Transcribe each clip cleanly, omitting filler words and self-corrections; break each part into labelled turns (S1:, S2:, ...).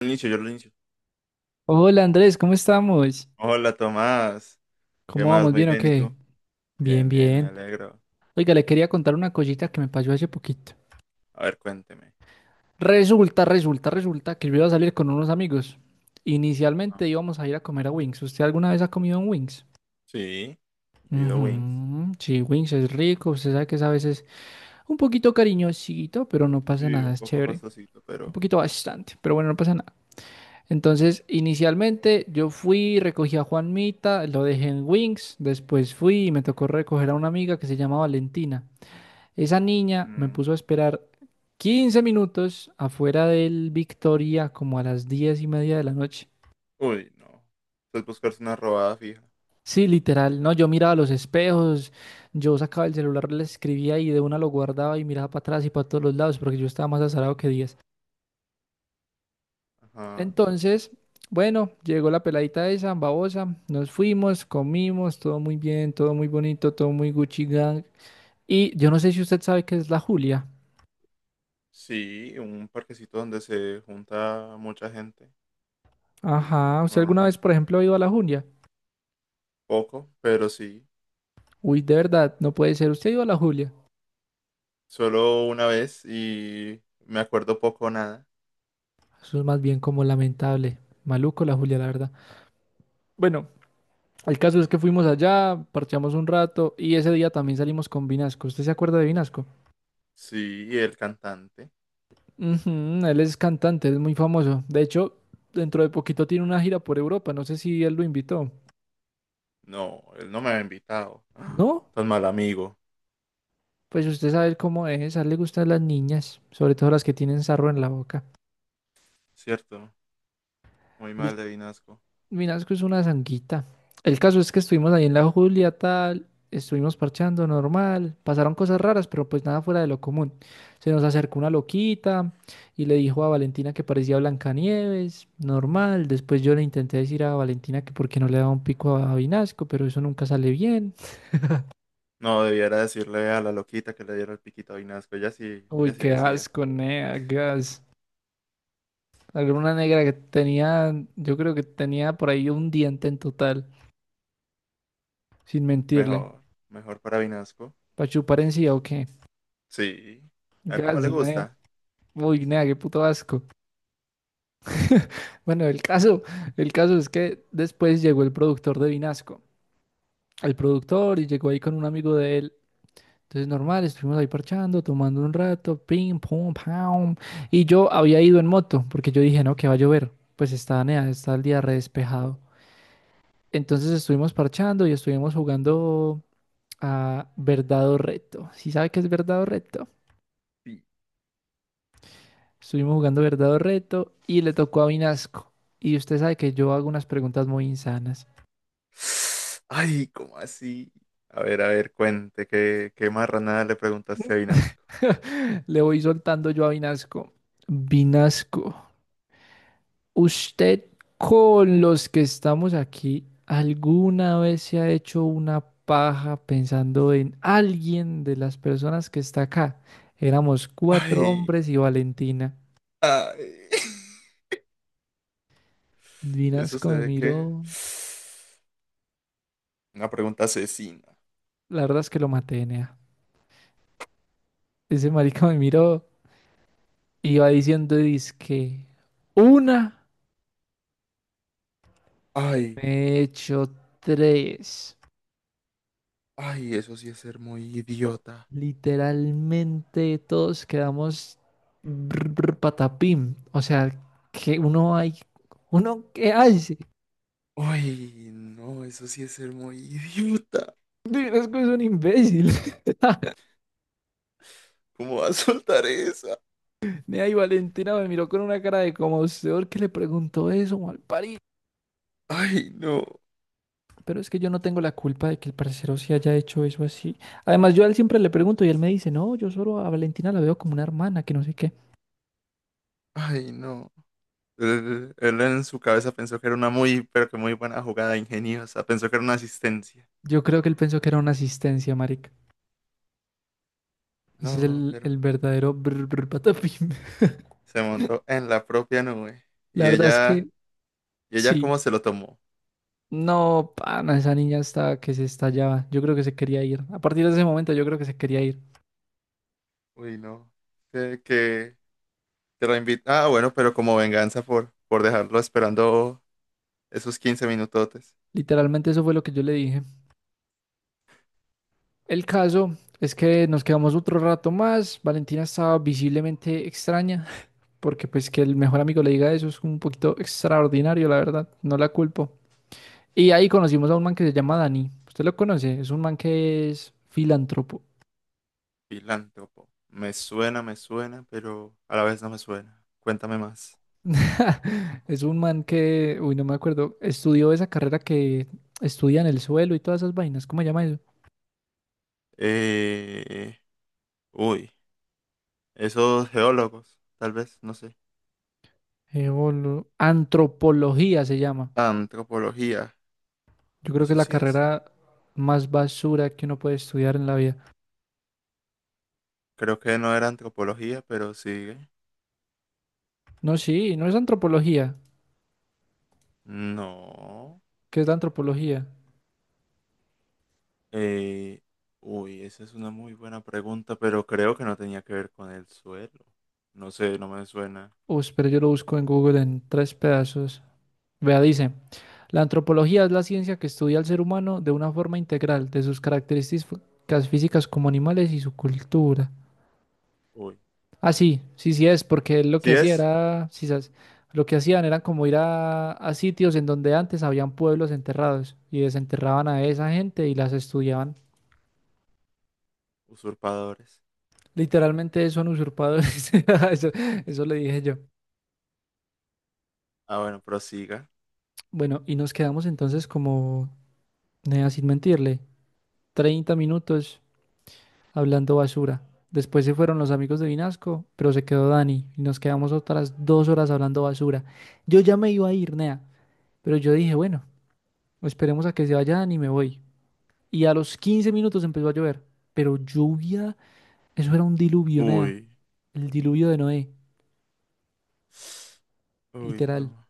S1: Inicio, yo lo inicio.
S2: Hola Andrés, ¿cómo estamos?
S1: Hola Tomás, ¿qué
S2: ¿Cómo
S1: más?
S2: vamos?
S1: Muy
S2: ¿Bien o
S1: bien, ¿y
S2: qué?
S1: tú?
S2: Bien,
S1: Bien, bien, me
S2: bien.
S1: alegro.
S2: Oiga, le quería contar una cosita que me pasó hace poquito.
S1: A ver, cuénteme.
S2: Resulta que yo iba a salir con unos amigos.
S1: Ah,
S2: Inicialmente íbamos a ir a comer a Wings. ¿Usted alguna vez ha comido en Wings?
S1: sí. Yo he ido a Wings.
S2: Ujú, sí, Wings es rico. Usted sabe que es a veces un poquito cariñosito, pero no pasa
S1: Sí,
S2: nada,
S1: un
S2: es
S1: poco
S2: chévere.
S1: costosito,
S2: Un
S1: pero
S2: poquito bastante, pero bueno, no pasa nada. Entonces, inicialmente yo fui, recogí a Juanmita, lo dejé en Wings, después fui y me tocó recoger a una amiga que se llama Valentina. Esa niña me
S1: mm,
S2: puso a esperar 15 minutos afuera del Victoria como a las 10:30 de la noche.
S1: uy, no. Pues buscarse una robada fija.
S2: Sí, literal, no, yo miraba los espejos, yo sacaba el celular, le escribía y de una lo guardaba y miraba para atrás y para todos los lados porque yo estaba más azarado que 10.
S1: Ajá.
S2: Entonces, bueno, llegó la peladita esa, babosa, nos fuimos, comimos, todo muy bien, todo muy bonito, todo muy Gucci Gang. Y yo no sé si usted sabe qué es la Julia.
S1: Sí, un parquecito donde se junta mucha gente,
S2: Ajá, ¿usted alguna vez, por
S1: normalmente.
S2: ejemplo, ha ido a la Julia?
S1: Poco, pero sí.
S2: Uy, de verdad, no puede ser, ¿usted ha ido a la Julia?
S1: Solo una vez y me acuerdo poco o nada.
S2: Eso es más bien como lamentable. Maluco la Julia, la verdad. Bueno, el caso es que fuimos allá, parchamos un rato y ese día también salimos con Vinasco. ¿Usted se acuerda de Vinasco?
S1: Sí, y el cantante.
S2: Ujú, él es cantante, es muy famoso. De hecho, dentro de poquito tiene una gira por Europa. No sé si él lo invitó.
S1: No, él no me había invitado. ¡Ah!
S2: ¿No?
S1: Tan mal amigo,
S2: Pues usted sabe cómo es. A él le gustan las niñas, sobre todo las que tienen sarro en la boca.
S1: ¿cierto? Muy mal
S2: Él
S1: de Vinasco.
S2: Vinasco es una zanguita. El caso es que estuvimos ahí en la Julia, tal, estuvimos parchando normal, pasaron cosas raras, pero pues nada fuera de lo común. Se nos acercó una loquita y le dijo a Valentina que parecía Blancanieves, normal. Después yo le intenté decir a Valentina que por qué no le daba un pico a Vinasco, pero eso nunca sale bien.
S1: No, debiera decirle a la loquita que le diera el piquito a Vinasco. Ella
S2: Uy,
S1: sí le
S2: qué
S1: decía.
S2: asco, nea, gas. Alguna negra que tenía, yo creo que tenía por ahí un diente en total, sin mentirle.
S1: Mejor, mejor para Vinasco.
S2: ¿Para chupar encía o qué?
S1: Sí. A ver cómo
S2: Gas,
S1: le
S2: nea.
S1: gusta.
S2: Uy, nada, qué puto asco. Bueno, el caso es que después llegó el productor de Vinasco, y llegó ahí con un amigo de él. Entonces, normal, estuvimos ahí parchando, tomando un rato, pim, pum, pam. Y yo había ido en moto, porque yo dije, no, que va a llover. Pues está, nea, está el día re despejado. Entonces, estuvimos parchando y estuvimos jugando a Verdad o Reto. ¿Sí sabe qué es Verdad o Reto?
S1: Sí.
S2: Estuvimos jugando Verdad o Reto y le tocó a Vinasco. Y usted sabe que yo hago unas preguntas muy insanas.
S1: Ay, ¿cómo así? A ver, cuente, ¿qué marranada le preguntaste a Vinasco?
S2: Le voy soltando yo a Vinasco. Vinasco, usted con los que estamos aquí, ¿alguna vez se ha hecho una paja pensando en alguien de las personas que está acá? Éramos cuatro
S1: Ay,
S2: hombres y Valentina.
S1: ay. Eso
S2: Vinasco
S1: se
S2: me
S1: ve que
S2: miró,
S1: una pregunta asesina.
S2: la verdad es que lo maté, nea. Ese marica me miró, iba diciendo dizque una,
S1: Ay,
S2: me he hecho tres.
S1: ay, eso sí es ser muy idiota.
S2: Literalmente todos quedamos brr, brr, patapim. O sea, que uno hay. ¿Uno qué hace?
S1: Ay, no, eso sí es ser muy idiota.
S2: Es que es un imbécil.
S1: ¿Cómo va a soltar esa?
S2: Nea y Valentina me miró con una cara de como usted que le preguntó eso, mal parido.
S1: Ay, no,
S2: Pero es que yo no tengo la culpa de que el parcero sí haya hecho eso así. Además, yo a él siempre le pregunto y él me dice, no, yo solo a Valentina la veo como una hermana, que no sé qué.
S1: ay, no. Él en su cabeza pensó que era una muy, pero que muy buena jugada ingeniosa. Pensó que era una asistencia.
S2: Yo creo que él pensó que era una asistencia, marica. Ese es
S1: No,
S2: el,
S1: pero
S2: el verdadero brr, brr, patapim.
S1: se montó en la propia nube. Y
S2: La verdad es que
S1: ella, ¿Y ella
S2: sí.
S1: cómo se lo tomó?
S2: No, pana, esa niña está que se estallaba. Yo creo que se quería ir. A partir de ese momento yo creo que se quería ir.
S1: Uy, no. Que te la invita. Ah, bueno, pero como venganza por, dejarlo esperando esos 15 minutotes.
S2: Literalmente eso fue lo que yo le dije. El caso es que nos quedamos otro rato más. Valentina estaba visiblemente extraña, porque pues que el mejor amigo le diga eso es un poquito extraordinario, la verdad. No la culpo. Y ahí conocimos a un man que se llama Dani. ¿Usted lo conoce? Es un man que es filántropo.
S1: Filántropo. Me suena, pero a la vez no me suena. Cuéntame más.
S2: Es un man que, uy, no me acuerdo, estudió esa carrera que estudia en el suelo y todas esas vainas. ¿Cómo se llama eso?
S1: Eh, uy, esos geólogos, tal vez, no sé.
S2: Antropología se llama.
S1: Antropología.
S2: Yo creo que es
S1: Eso
S2: la
S1: sí es.
S2: carrera más basura que uno puede estudiar en la vida.
S1: Creo que no era antropología, pero sigue.
S2: No, sí, no es antropología.
S1: No.
S2: ¿Qué es la antropología?
S1: Eh, uy, esa es una muy buena pregunta, pero creo que no tenía que ver con el suelo. No sé, no me suena.
S2: Uy, pero yo lo busco en Google en tres pedazos. Vea, dice, la antropología es la ciencia que estudia al ser humano de una forma integral, de sus características físicas como animales y su cultura.
S1: Uy.
S2: Ah, sí, sí, sí es, porque él lo que
S1: ¿Sí
S2: hacía
S1: es?
S2: era, sí, sabes, lo que hacían era como ir a sitios en donde antes habían pueblos enterrados y desenterraban a esa gente y las estudiaban.
S1: Usurpadores.
S2: Literalmente son usurpadores. Eso, eso le dije yo.
S1: Ah, bueno, prosiga.
S2: Bueno, y nos quedamos entonces como, nea, sin mentirle, 30 minutos hablando basura. Después se fueron los amigos de Vinasco, pero se quedó Dani y nos quedamos otras 2 horas hablando basura. Yo ya me iba a ir, nea, pero yo dije, bueno. Esperemos a que se vayan y me voy. Y a los 15 minutos empezó a llover, pero lluvia, eso era un diluvio, Nea,
S1: Uy.
S2: el diluvio de Noé,
S1: Uy,
S2: literal.
S1: no.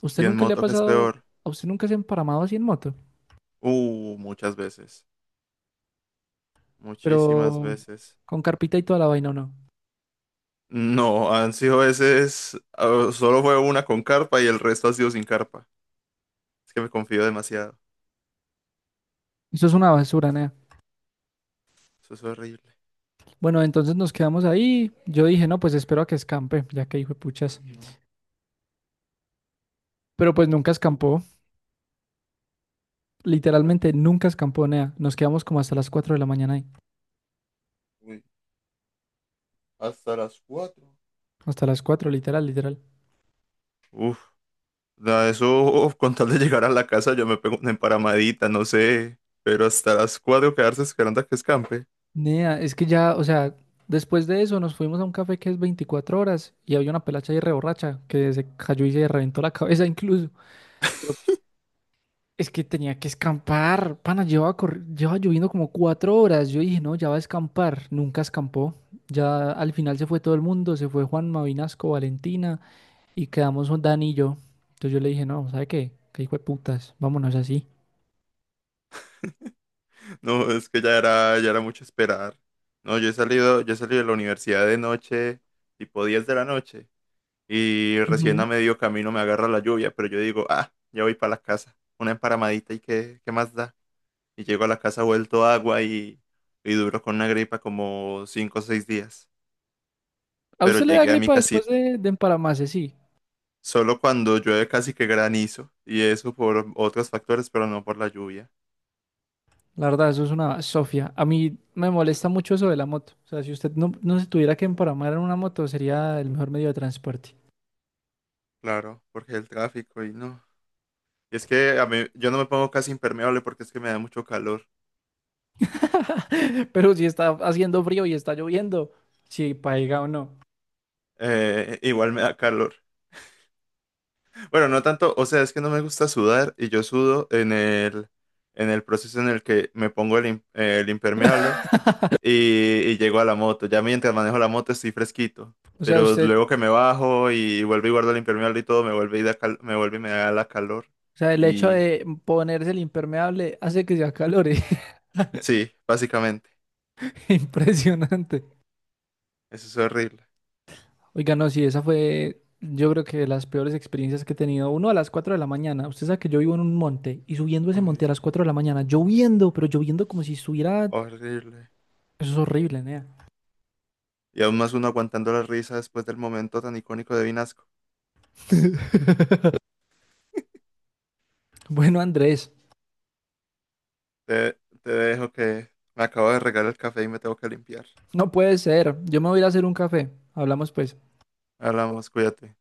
S2: ¿Usted
S1: Y en
S2: nunca le ha
S1: moto, ¿qué es
S2: pasado,
S1: peor?
S2: a usted nunca se ha emparamado así en moto?
S1: Muchas veces. Muchísimas
S2: Pero
S1: veces.
S2: con carpita y toda la vaina, ¿o no?
S1: No, han sido veces. Ah, solo fue una con carpa y el resto ha sido sin carpa. Es que me confío demasiado.
S2: Eso es una basura, Nea.
S1: Eso es horrible.
S2: Bueno, entonces nos quedamos ahí. Yo dije, no, pues espero a que escampe, ya que hijo de puchas. Pero pues nunca escampó, literalmente nunca escampó, Nea. Nos quedamos como hasta las 4 de la mañana ahí.
S1: Uy, hasta las cuatro.
S2: Hasta las 4 literal, literal.
S1: Uf, nada, eso, uf, con tal de llegar a la casa, yo me pego una emparamadita, no sé. Pero hasta las 4 quedarse esperando a que escampe.
S2: Nea, es que ya, o sea, después de eso nos fuimos a un café que es 24 horas y había una pelacha ahí reborracha que se cayó y se reventó la cabeza incluso. Pero es que tenía que escampar, pana, llevaba lloviendo como 4 horas. Yo dije, no, ya va a escampar. Nunca escampó. Ya al final se fue todo el mundo, se fue Juan Mavinasco, Valentina y quedamos Dani y yo. Entonces yo le dije, no, ¿sabe qué? Qué hijo de putas, vámonos así.
S1: No, es que ya era mucho esperar. No, yo he salido de la universidad de noche, tipo 10 de la noche. Y recién a
S2: Ujú.
S1: medio camino me agarra la lluvia, pero yo digo, ah, ya voy para la casa. Una emparamadita y qué más da. Y llego a la casa vuelto agua y duro con una gripa como 5 o 6 días.
S2: ¿A
S1: Pero
S2: usted le da
S1: llegué a mi
S2: gripa después
S1: casita.
S2: de empalamarse? Sí.
S1: Solo cuando llueve casi que granizo. Y eso por otros factores, pero no por la lluvia.
S2: La verdad, eso es una sofia. A mí me molesta mucho eso de la moto. O sea, si usted no se tuviera que emparamar en una moto, sería el mejor medio de transporte.
S1: Claro, porque el tráfico y no. Y es que a mí, yo no me pongo casi impermeable porque es que me da mucho calor.
S2: Pero si está haciendo frío y está lloviendo, si paiga o no.
S1: Igual me da calor. Bueno, no tanto, o sea, es que no me gusta sudar y yo sudo en el proceso en el que me pongo el impermeable y llego a la moto. Ya mientras manejo la moto estoy fresquito,
S2: O sea,
S1: pero luego que me bajo y vuelvo y guardo el impermeable y todo, me vuelve y me vuelve y me da la calor.
S2: el hecho
S1: Y
S2: de ponerse el impermeable hace que se acalore.
S1: sí, básicamente,
S2: Impresionante.
S1: eso es horrible.
S2: Oiga, no, sí, esa fue, yo creo que las peores experiencias que he tenido. Uno a las 4 de la mañana. Usted sabe que yo vivo en un monte y subiendo ese monte a
S1: Uy,
S2: las 4 de la mañana, lloviendo, pero lloviendo como si estuviera.
S1: horrible.
S2: Eso es horrible, Nea.
S1: Y aún más uno aguantando la risa después del momento tan icónico de Vinasco.
S2: Bueno, Andrés,
S1: Te dejo que me acabo de regar el café y me tengo que limpiar.
S2: no puede ser. Yo me voy a ir a hacer un café. Hablamos pues.
S1: Hablamos, cuídate.